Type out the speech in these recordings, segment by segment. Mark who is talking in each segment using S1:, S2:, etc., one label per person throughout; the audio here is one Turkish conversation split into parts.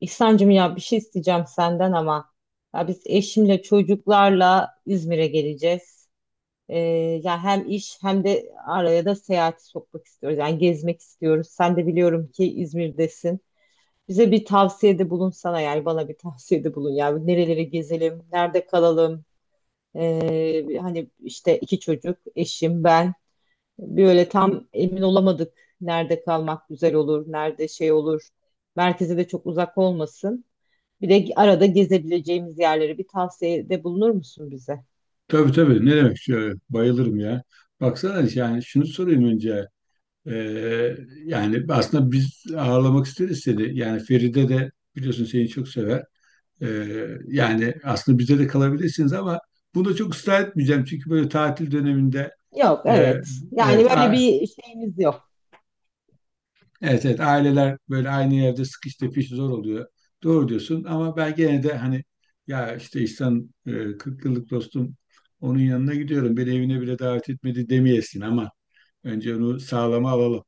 S1: İhsan'cığım ya bir şey isteyeceğim senden ama ya biz eşimle çocuklarla İzmir'e geleceğiz. Ee, ya hem iş hem de araya da seyahati sokmak istiyoruz. Yani gezmek istiyoruz. Sen de biliyorum ki İzmir'desin. Bize bir tavsiyede bulunsana yani bana bir tavsiyede bulun. Yani nerelere gezelim, nerede kalalım. Hani işte iki çocuk, eşim, ben. Böyle tam emin olamadık. Nerede kalmak güzel olur, nerede şey olur. Merkeze de çok uzak olmasın. Bir de arada gezebileceğimiz yerleri bir tavsiyede bulunur musun bize?
S2: Tabii tabii ne demek şöyle bayılırım ya. Baksana yani şunu sorayım önce. Ee, Yani aslında biz ağırlamak isteriz seni. Yani Feride de biliyorsun seni çok sever. Yani aslında bize de kalabilirsiniz ama bunu da çok ısrar etmeyeceğim. Çünkü böyle tatil döneminde
S1: Yok,
S2: e,
S1: evet. Yani
S2: evet,
S1: böyle bir şeyimiz yok.
S2: evet evet aileler böyle aynı yerde sıkış tepiş zor oluyor. Doğru diyorsun ama ben gene de hani ya işte İhsan, 40 yıllık dostum, onun yanına gidiyorum. Beni evine bile davet etmedi demeyesin ama önce onu sağlama alalım.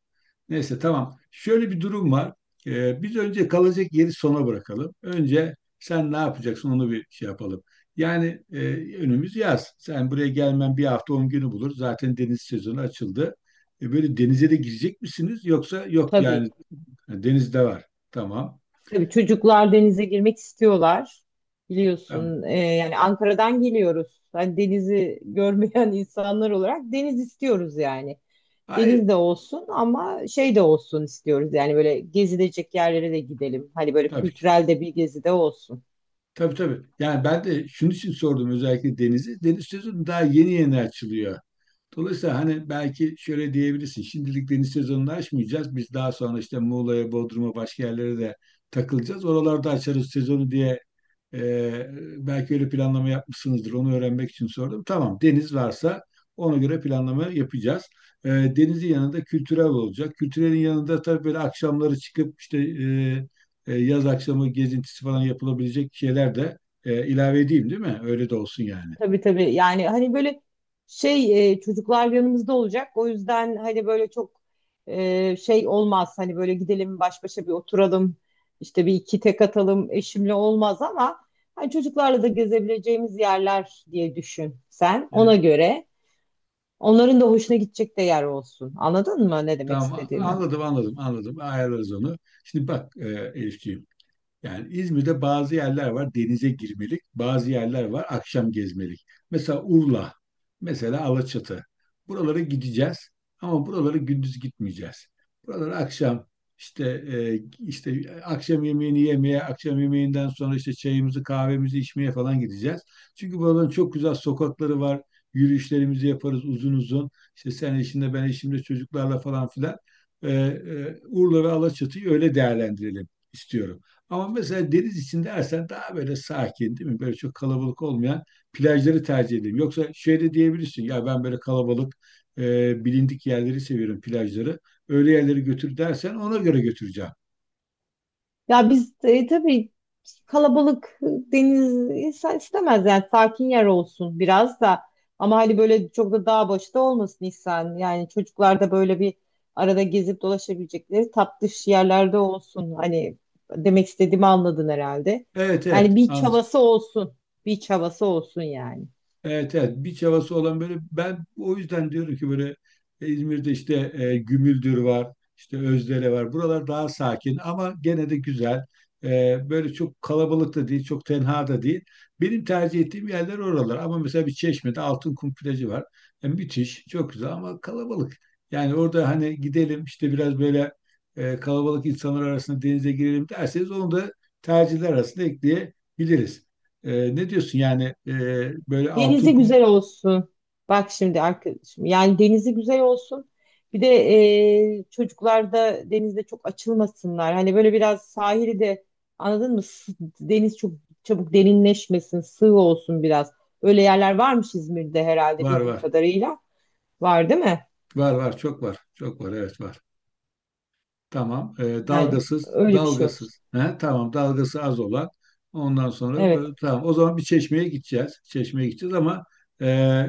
S2: Neyse tamam. Şöyle bir durum var. Biz önce kalacak yeri sona bırakalım. Önce sen ne yapacaksın onu bir şey yapalım. Yani önümüz yaz. Sen buraya gelmen bir hafta 10 günü bulur. Zaten deniz sezonu açıldı. Böyle denize de girecek misiniz? Yoksa yok
S1: Tabii.
S2: yani. Denizde var. Tamam.
S1: Tabii
S2: E,
S1: çocuklar denize girmek istiyorlar.
S2: tamam.
S1: Biliyorsun, yani Ankara'dan geliyoruz. Hani denizi görmeyen insanlar olarak deniz istiyoruz yani.
S2: Hayır,
S1: Deniz de olsun ama şey de olsun istiyoruz. Yani böyle gezilecek yerlere de gidelim. Hani böyle
S2: tabii ki.
S1: kültürel de bir gezi de olsun.
S2: Tabii tabii. Yani ben de şunun için sordum özellikle denizi. Deniz sezonu daha yeni yeni açılıyor. Dolayısıyla hani belki şöyle diyebilirsin. Şimdilik deniz sezonunu açmayacağız. Biz daha sonra işte Muğla'ya, Bodrum'a, başka yerlere de takılacağız. Oralarda açarız sezonu diye, e, belki öyle planlama yapmışsınızdır. Onu öğrenmek için sordum. Tamam, deniz varsa ona göre planlama yapacağız. Denizin yanında kültürel olacak. Kültürelin yanında tabii böyle akşamları çıkıp işte, yaz akşamı gezintisi falan yapılabilecek şeyler de ilave edeyim değil mi? Öyle de olsun yani.
S1: Tabii tabii. Yani hani böyle şey çocuklar yanımızda olacak. O yüzden hani böyle çok şey olmaz. Hani böyle gidelim baş başa bir oturalım. İşte bir iki tek atalım eşimle olmaz ama hani çocuklarla da gezebileceğimiz yerler diye düşün sen. Ona
S2: E,
S1: göre onların da hoşuna gidecek de yer olsun. Anladın mı ne demek
S2: Tamam,
S1: istediğimi?
S2: anladım anladım anladım, ayarlarız onu. Şimdi bak, Elifciğim, yani İzmir'de bazı yerler var denize girmelik, bazı yerler var akşam gezmelik. Mesela Urla, mesela Alaçatı. Buralara gideceğiz ama buralara gündüz gitmeyeceğiz. Buralara akşam, işte işte akşam yemeğini yemeye, akşam yemeğinden sonra işte çayımızı, kahvemizi içmeye falan gideceğiz. Çünkü buraların çok güzel sokakları var. Yürüyüşlerimizi yaparız uzun uzun. İşte sen işinde ben işimde çocuklarla falan filan. Urla ve Alaçatı'yı öyle değerlendirelim istiyorum. Ama mesela deniz içinde ersen daha böyle sakin değil mi? Böyle çok kalabalık olmayan plajları tercih edeyim. Yoksa şöyle diyebilirsin ya, ben böyle kalabalık, bilindik yerleri seviyorum plajları. Öyle yerleri götür dersen ona göre götüreceğim.
S1: Ya biz tabii kalabalık deniz insan istemez yani sakin yer olsun biraz da ama hani böyle çok da dağ başta olmasın insan yani çocuklar da böyle bir arada gezip dolaşabilecekleri tatlış yerlerde olsun hani demek istediğimi anladın herhalde
S2: Evet
S1: yani
S2: evet,
S1: beach
S2: anladım.
S1: havası olsun beach havası olsun yani.
S2: Evet evet, biç havası olan, böyle ben o yüzden diyorum ki böyle İzmir'de işte, Gümüldür var, işte Özdere var, buralar daha sakin ama gene de güzel. Böyle çok kalabalık da değil çok tenha da değil, benim tercih ettiğim yerler oralar, ama mesela bir Çeşme'de Altınkum plajı var. Müthiş, çok güzel ama kalabalık. Yani orada hani gidelim işte biraz böyle, kalabalık insanlar arasında denize girelim derseniz onu da tercihler arasında ekleyebiliriz. Ne diyorsun yani, böyle altı
S1: Denizi
S2: hukum?
S1: güzel olsun. Bak şimdi arkadaşım. Yani denizi güzel olsun. Bir de çocuklar da denizde çok açılmasınlar. Hani böyle biraz sahili de anladın mı? Deniz çok çabuk derinleşmesin, sığ olsun biraz. Öyle yerler varmış İzmir'de herhalde
S2: Var
S1: bildiğim
S2: var.
S1: kadarıyla. Var değil mi?
S2: Var var, çok var. Çok var, evet, var. Tamam.
S1: Yani
S2: Dalgasız,
S1: öyle bir şey olsun.
S2: dalgasız. He, tamam, dalgası az olan. Ondan sonra böyle,
S1: Evet.
S2: tamam. O zaman bir Çeşme'ye gideceğiz. Çeşme'ye gideceğiz ama e,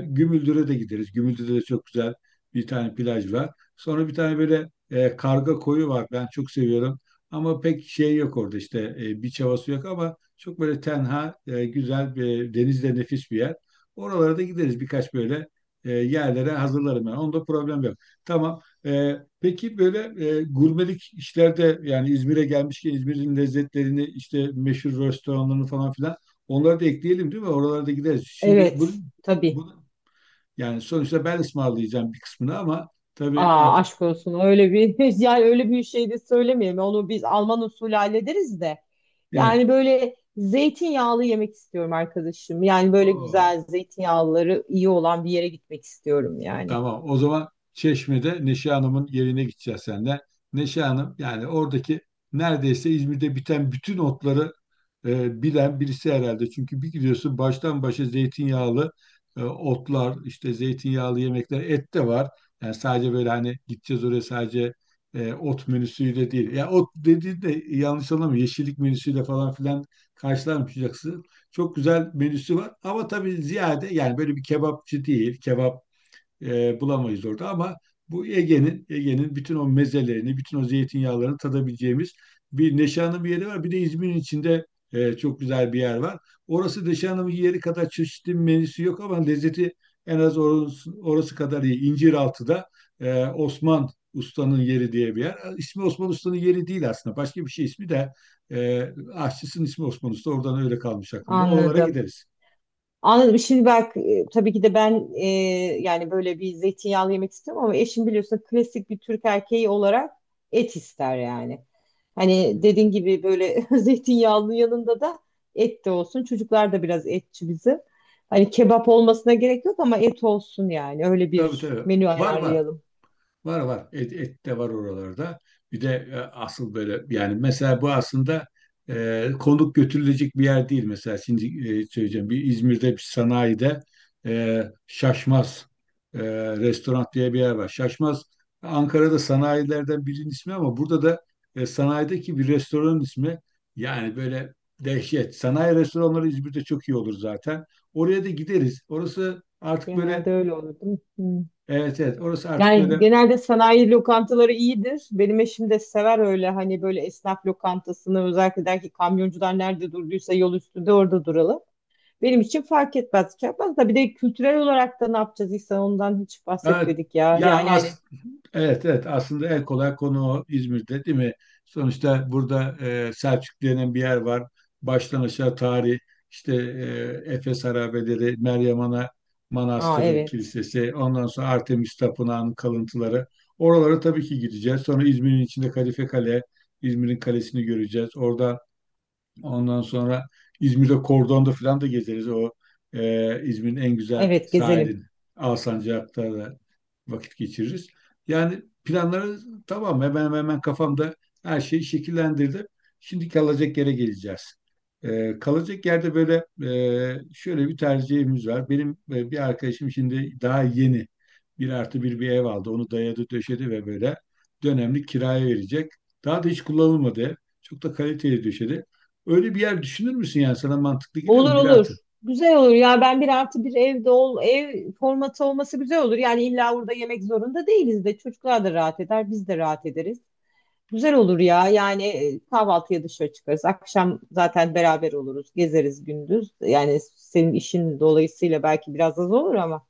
S2: Gümüldür'e de gideriz. Gümüldür'de de çok güzel bir tane plaj var. Sonra bir tane böyle, Karga Koyu var. Ben çok seviyorum. Ama pek şey yok orada işte, bir havası yok ama çok böyle tenha, güzel bir denizde nefis bir yer. Oralara da gideriz birkaç böyle, yerlere hazırlarım ben. Onda problem yok. Tamam. Peki böyle, gurmelik işlerde, yani İzmir'e gelmişken İzmir'in lezzetlerini işte meşhur restoranlarını falan filan, onları da ekleyelim değil mi? Oralarda gideriz. Şimdi bu,
S1: Evet. Tabii.
S2: bu yani sonuçta ben ısmarlayacağım bir kısmını ama tabii
S1: Aa
S2: artık
S1: aşk olsun öyle bir yani öyle bir şey de söylemeyelim. Onu biz Alman usulü hallederiz de.
S2: evet.
S1: Yani böyle zeytinyağlı yemek istiyorum arkadaşım. Yani böyle
S2: Oo.
S1: güzel zeytinyağlıları iyi olan bir yere gitmek istiyorum yani.
S2: Tamam. O zaman Çeşme'de Neşe Hanım'ın yerine gideceğiz senden. Neşe Hanım yani oradaki, neredeyse İzmir'de biten bütün otları bilen birisi herhalde. Çünkü bir gidiyorsun, baştan başa zeytinyağlı otlar, işte zeytinyağlı yemekler, et de var. Yani sadece böyle hani gideceğiz oraya sadece ot menüsüyle değil. Ya, ot dediğin de yanlış anlama, yeşillik menüsüyle falan filan karşılanmayacaksın. Çok güzel menüsü var ama tabii ziyade yani böyle bir kebapçı değil. Kebap bulamayız orada ama bu Ege'nin bütün o mezelerini, bütün o zeytinyağlarını tadabileceğimiz bir Neşe, bir yeri var. Bir de İzmir'in içinde çok güzel bir yer var. Orası Neşe Hanım'ın yeri kadar çeşitli menüsü yok ama lezzeti en az orası kadar iyi. İnciraltı'da Osman Usta'nın yeri diye bir yer. İsmi Osman Usta'nın yeri değil aslında. Başka bir şey ismi de, e, aşçısının ismi Osman Usta. Oradan öyle kalmış aklımda. Oralara
S1: Anladım.
S2: gideriz.
S1: Anladım. Şimdi bak tabii ki de ben yani böyle bir zeytinyağlı yemek istiyorum ama eşim biliyorsun klasik bir Türk erkeği olarak et ister yani. Hani dediğin gibi böyle zeytinyağlı yanında da et de olsun. Çocuklar da biraz etçi bizim. Hani kebap olmasına gerek yok ama et olsun yani. Öyle
S2: Tabii
S1: bir
S2: tabii.
S1: menü
S2: Var var.
S1: ayarlayalım.
S2: Var var. Et, et de var oralarda. Bir de asıl böyle, yani mesela bu aslında konuk götürülecek bir yer değil. Mesela şimdi söyleyeceğim, bir İzmir'de bir sanayide Şaşmaz e, Restoran diye bir yer var. Şaşmaz Ankara'da sanayilerden birinin ismi ama burada da sanayideki bir restoranın ismi, yani böyle dehşet. Sanayi restoranları İzmir'de çok iyi olur zaten. Oraya da gideriz. Orası artık
S1: Genelde
S2: böyle,
S1: öyle olur değil mi?
S2: evet evet, orası artık
S1: Yani
S2: böyle.
S1: genelde sanayi lokantaları iyidir. Benim eşim de sever öyle hani böyle esnaf lokantasını özellikle der ki kamyoncular nerede durduysa yol üstünde orada duralım. Benim için fark etmez, şey yapmaz da bir de kültürel olarak da ne yapacağız İhsan ondan hiç
S2: Evet,
S1: bahsetmedik ya.
S2: ya
S1: Yani hani
S2: as evet evet, aslında en kolay konu o İzmir'de değil mi? Sonuçta burada, Selçuk denen bir yer var. Baştan aşağı tarih, işte Efes Harabeleri, Meryem Ana
S1: aa
S2: Manastırı
S1: evet.
S2: Kilisesi, ondan sonra Artemis Tapınağı'nın kalıntıları. Oralara tabii ki gideceğiz. Sonra İzmir'in içinde Kadife Kale, İzmir'in kalesini göreceğiz. Orada, ondan sonra İzmir'de Kordon'da falan da gezeriz. O İzmir'in en güzel
S1: Evet gezelim.
S2: sahilini. Alsancak'ta da vakit geçiririz. Yani planları tamam, hemen hemen kafamda her şey şekillendirdi. Şimdi kalacak yere geleceğiz. Kalacak yerde böyle şöyle bir tercihimiz var. Benim bir arkadaşım şimdi daha yeni bir artı bir ev aldı. Onu dayadı döşedi ve böyle dönemlik kiraya verecek. Daha da hiç kullanılmadı ev. Çok da kaliteli döşedi. Öyle bir yer düşünür müsün, yani sana mantıklı geliyor
S1: Olur
S2: mu? Bir
S1: olur.
S2: artı.
S1: Güzel olur ya ben bir artı bir evde ol ev formatı olması güzel olur. Yani illa orada yemek zorunda değiliz de çocuklar da rahat eder biz de rahat ederiz. Güzel olur ya. Yani kahvaltıya dışarı çıkarız. Akşam zaten beraber oluruz. Gezeriz gündüz. Yani senin işin dolayısıyla belki biraz az olur ama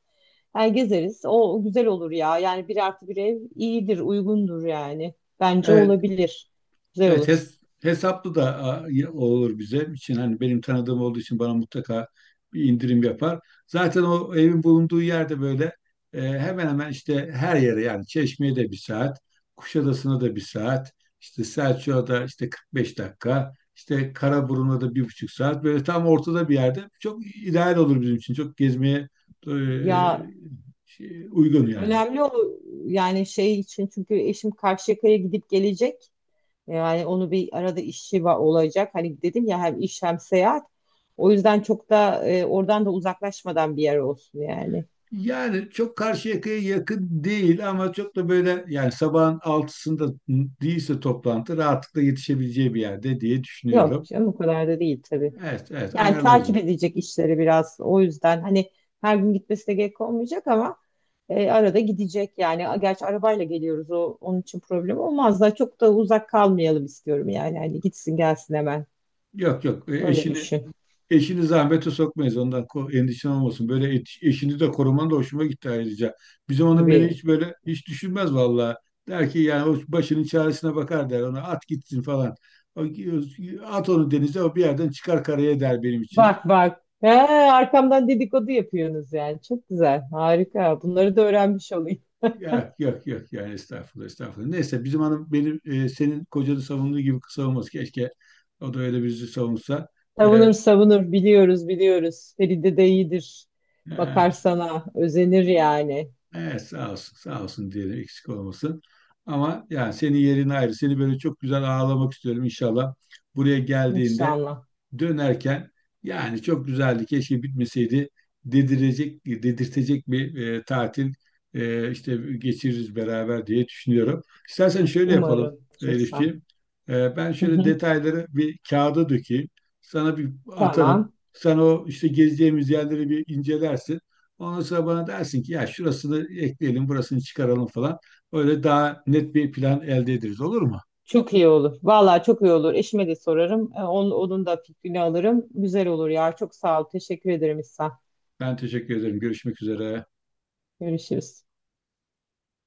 S1: yani gezeriz. O güzel olur ya. Yani bir artı bir ev iyidir, uygundur yani. Bence
S2: Evet.
S1: olabilir. Güzel
S2: Evet,
S1: olur.
S2: hesaplı da olur bize için, hani benim tanıdığım olduğu için bana mutlaka bir indirim yapar. Zaten o evin bulunduğu yerde böyle hemen hemen işte her yere, yani Çeşme'ye de 1 saat, Kuşadası'na da 1 saat, işte Selçuk'a da işte 45 dakika, işte Karaburun'a da 1,5 saat, böyle tam ortada bir yerde çok ideal olur bizim için çok gezmeye e,
S1: Ya
S2: uygun yani.
S1: önemli o yani şey için çünkü eşim Karşıyaka'ya gidip gelecek. Yani onu bir arada işi olacak. Hani dedim ya hem iş hem seyahat. O yüzden çok da oradan da uzaklaşmadan bir yer olsun yani.
S2: Yani çok Karşıyaka'ya yakın değil ama çok da böyle yani sabahın altısında değilse toplantı rahatlıkla yetişebileceği bir yerde diye
S1: Yok
S2: düşünüyorum.
S1: canım o kadar da değil tabii.
S2: Evet evet,
S1: Yani
S2: ayarlarız
S1: takip
S2: onu.
S1: edecek işleri biraz. O yüzden hani her gün gitmesi de gerek olmayacak ama arada gidecek yani. Gerçi arabayla geliyoruz o onun için problem olmaz da çok da uzak kalmayalım istiyorum yani. Hani gitsin gelsin hemen.
S2: Yok yok,
S1: Öyle
S2: eşini
S1: düşün.
S2: eşini zahmete sokmayız, ondan endişen olmasın. Böyle eşini de koruman da hoşuma gitti ayrıca. Bizim onun, beni
S1: Tabii.
S2: hiç böyle hiç düşünmez vallahi. Der ki, yani o başının çaresine bakar der, ona at gitsin falan. O- At onu denize, o bir yerden çıkar karaya der benim için.
S1: Bak bak. He, arkamdan dedikodu yapıyorsunuz yani. Çok güzel. Harika. Bunları da öğrenmiş olayım.
S2: Yok yok yok, yani estağfurullah estağfurullah. Neyse bizim hanım benim, senin kocanı savunduğu gibi savunmaz. Keşke o da öyle bizi savunsa. E,
S1: Savunur savunur. Biliyoruz biliyoruz. Feride de iyidir.
S2: e,
S1: Bakar sana. Özenir yani.
S2: evet, sağ olsun sağ olsun diyelim, eksik olmasın. Ama yani senin yerin ayrı. Seni böyle çok güzel ağlamak istiyorum inşallah. Buraya geldiğinde,
S1: İnşallah.
S2: dönerken yani çok güzeldi, keşke bitmeseydi dedirecek dedirtecek bir tatil işte geçiririz beraber diye düşünüyorum. İstersen şöyle yapalım
S1: Umarım. Çok sağ ol.
S2: Elifciğim. Ben
S1: Hı
S2: şöyle
S1: hı.
S2: detayları bir kağıda dökeyim. Sana bir
S1: Tamam.
S2: atarım. Sen o işte gezeceğimiz yerleri bir incelersin. Ondan sonra bana dersin ki, ya şurasını ekleyelim, burasını çıkaralım falan. Öyle daha net bir plan elde ederiz. Olur mu?
S1: Çok iyi olur. Vallahi çok iyi olur. Eşime de sorarım. Onun, onun da fikrini alırım. Güzel olur ya. Çok sağ ol. Teşekkür ederim İhsan.
S2: Ben teşekkür ederim. Görüşmek üzere.
S1: Görüşürüz.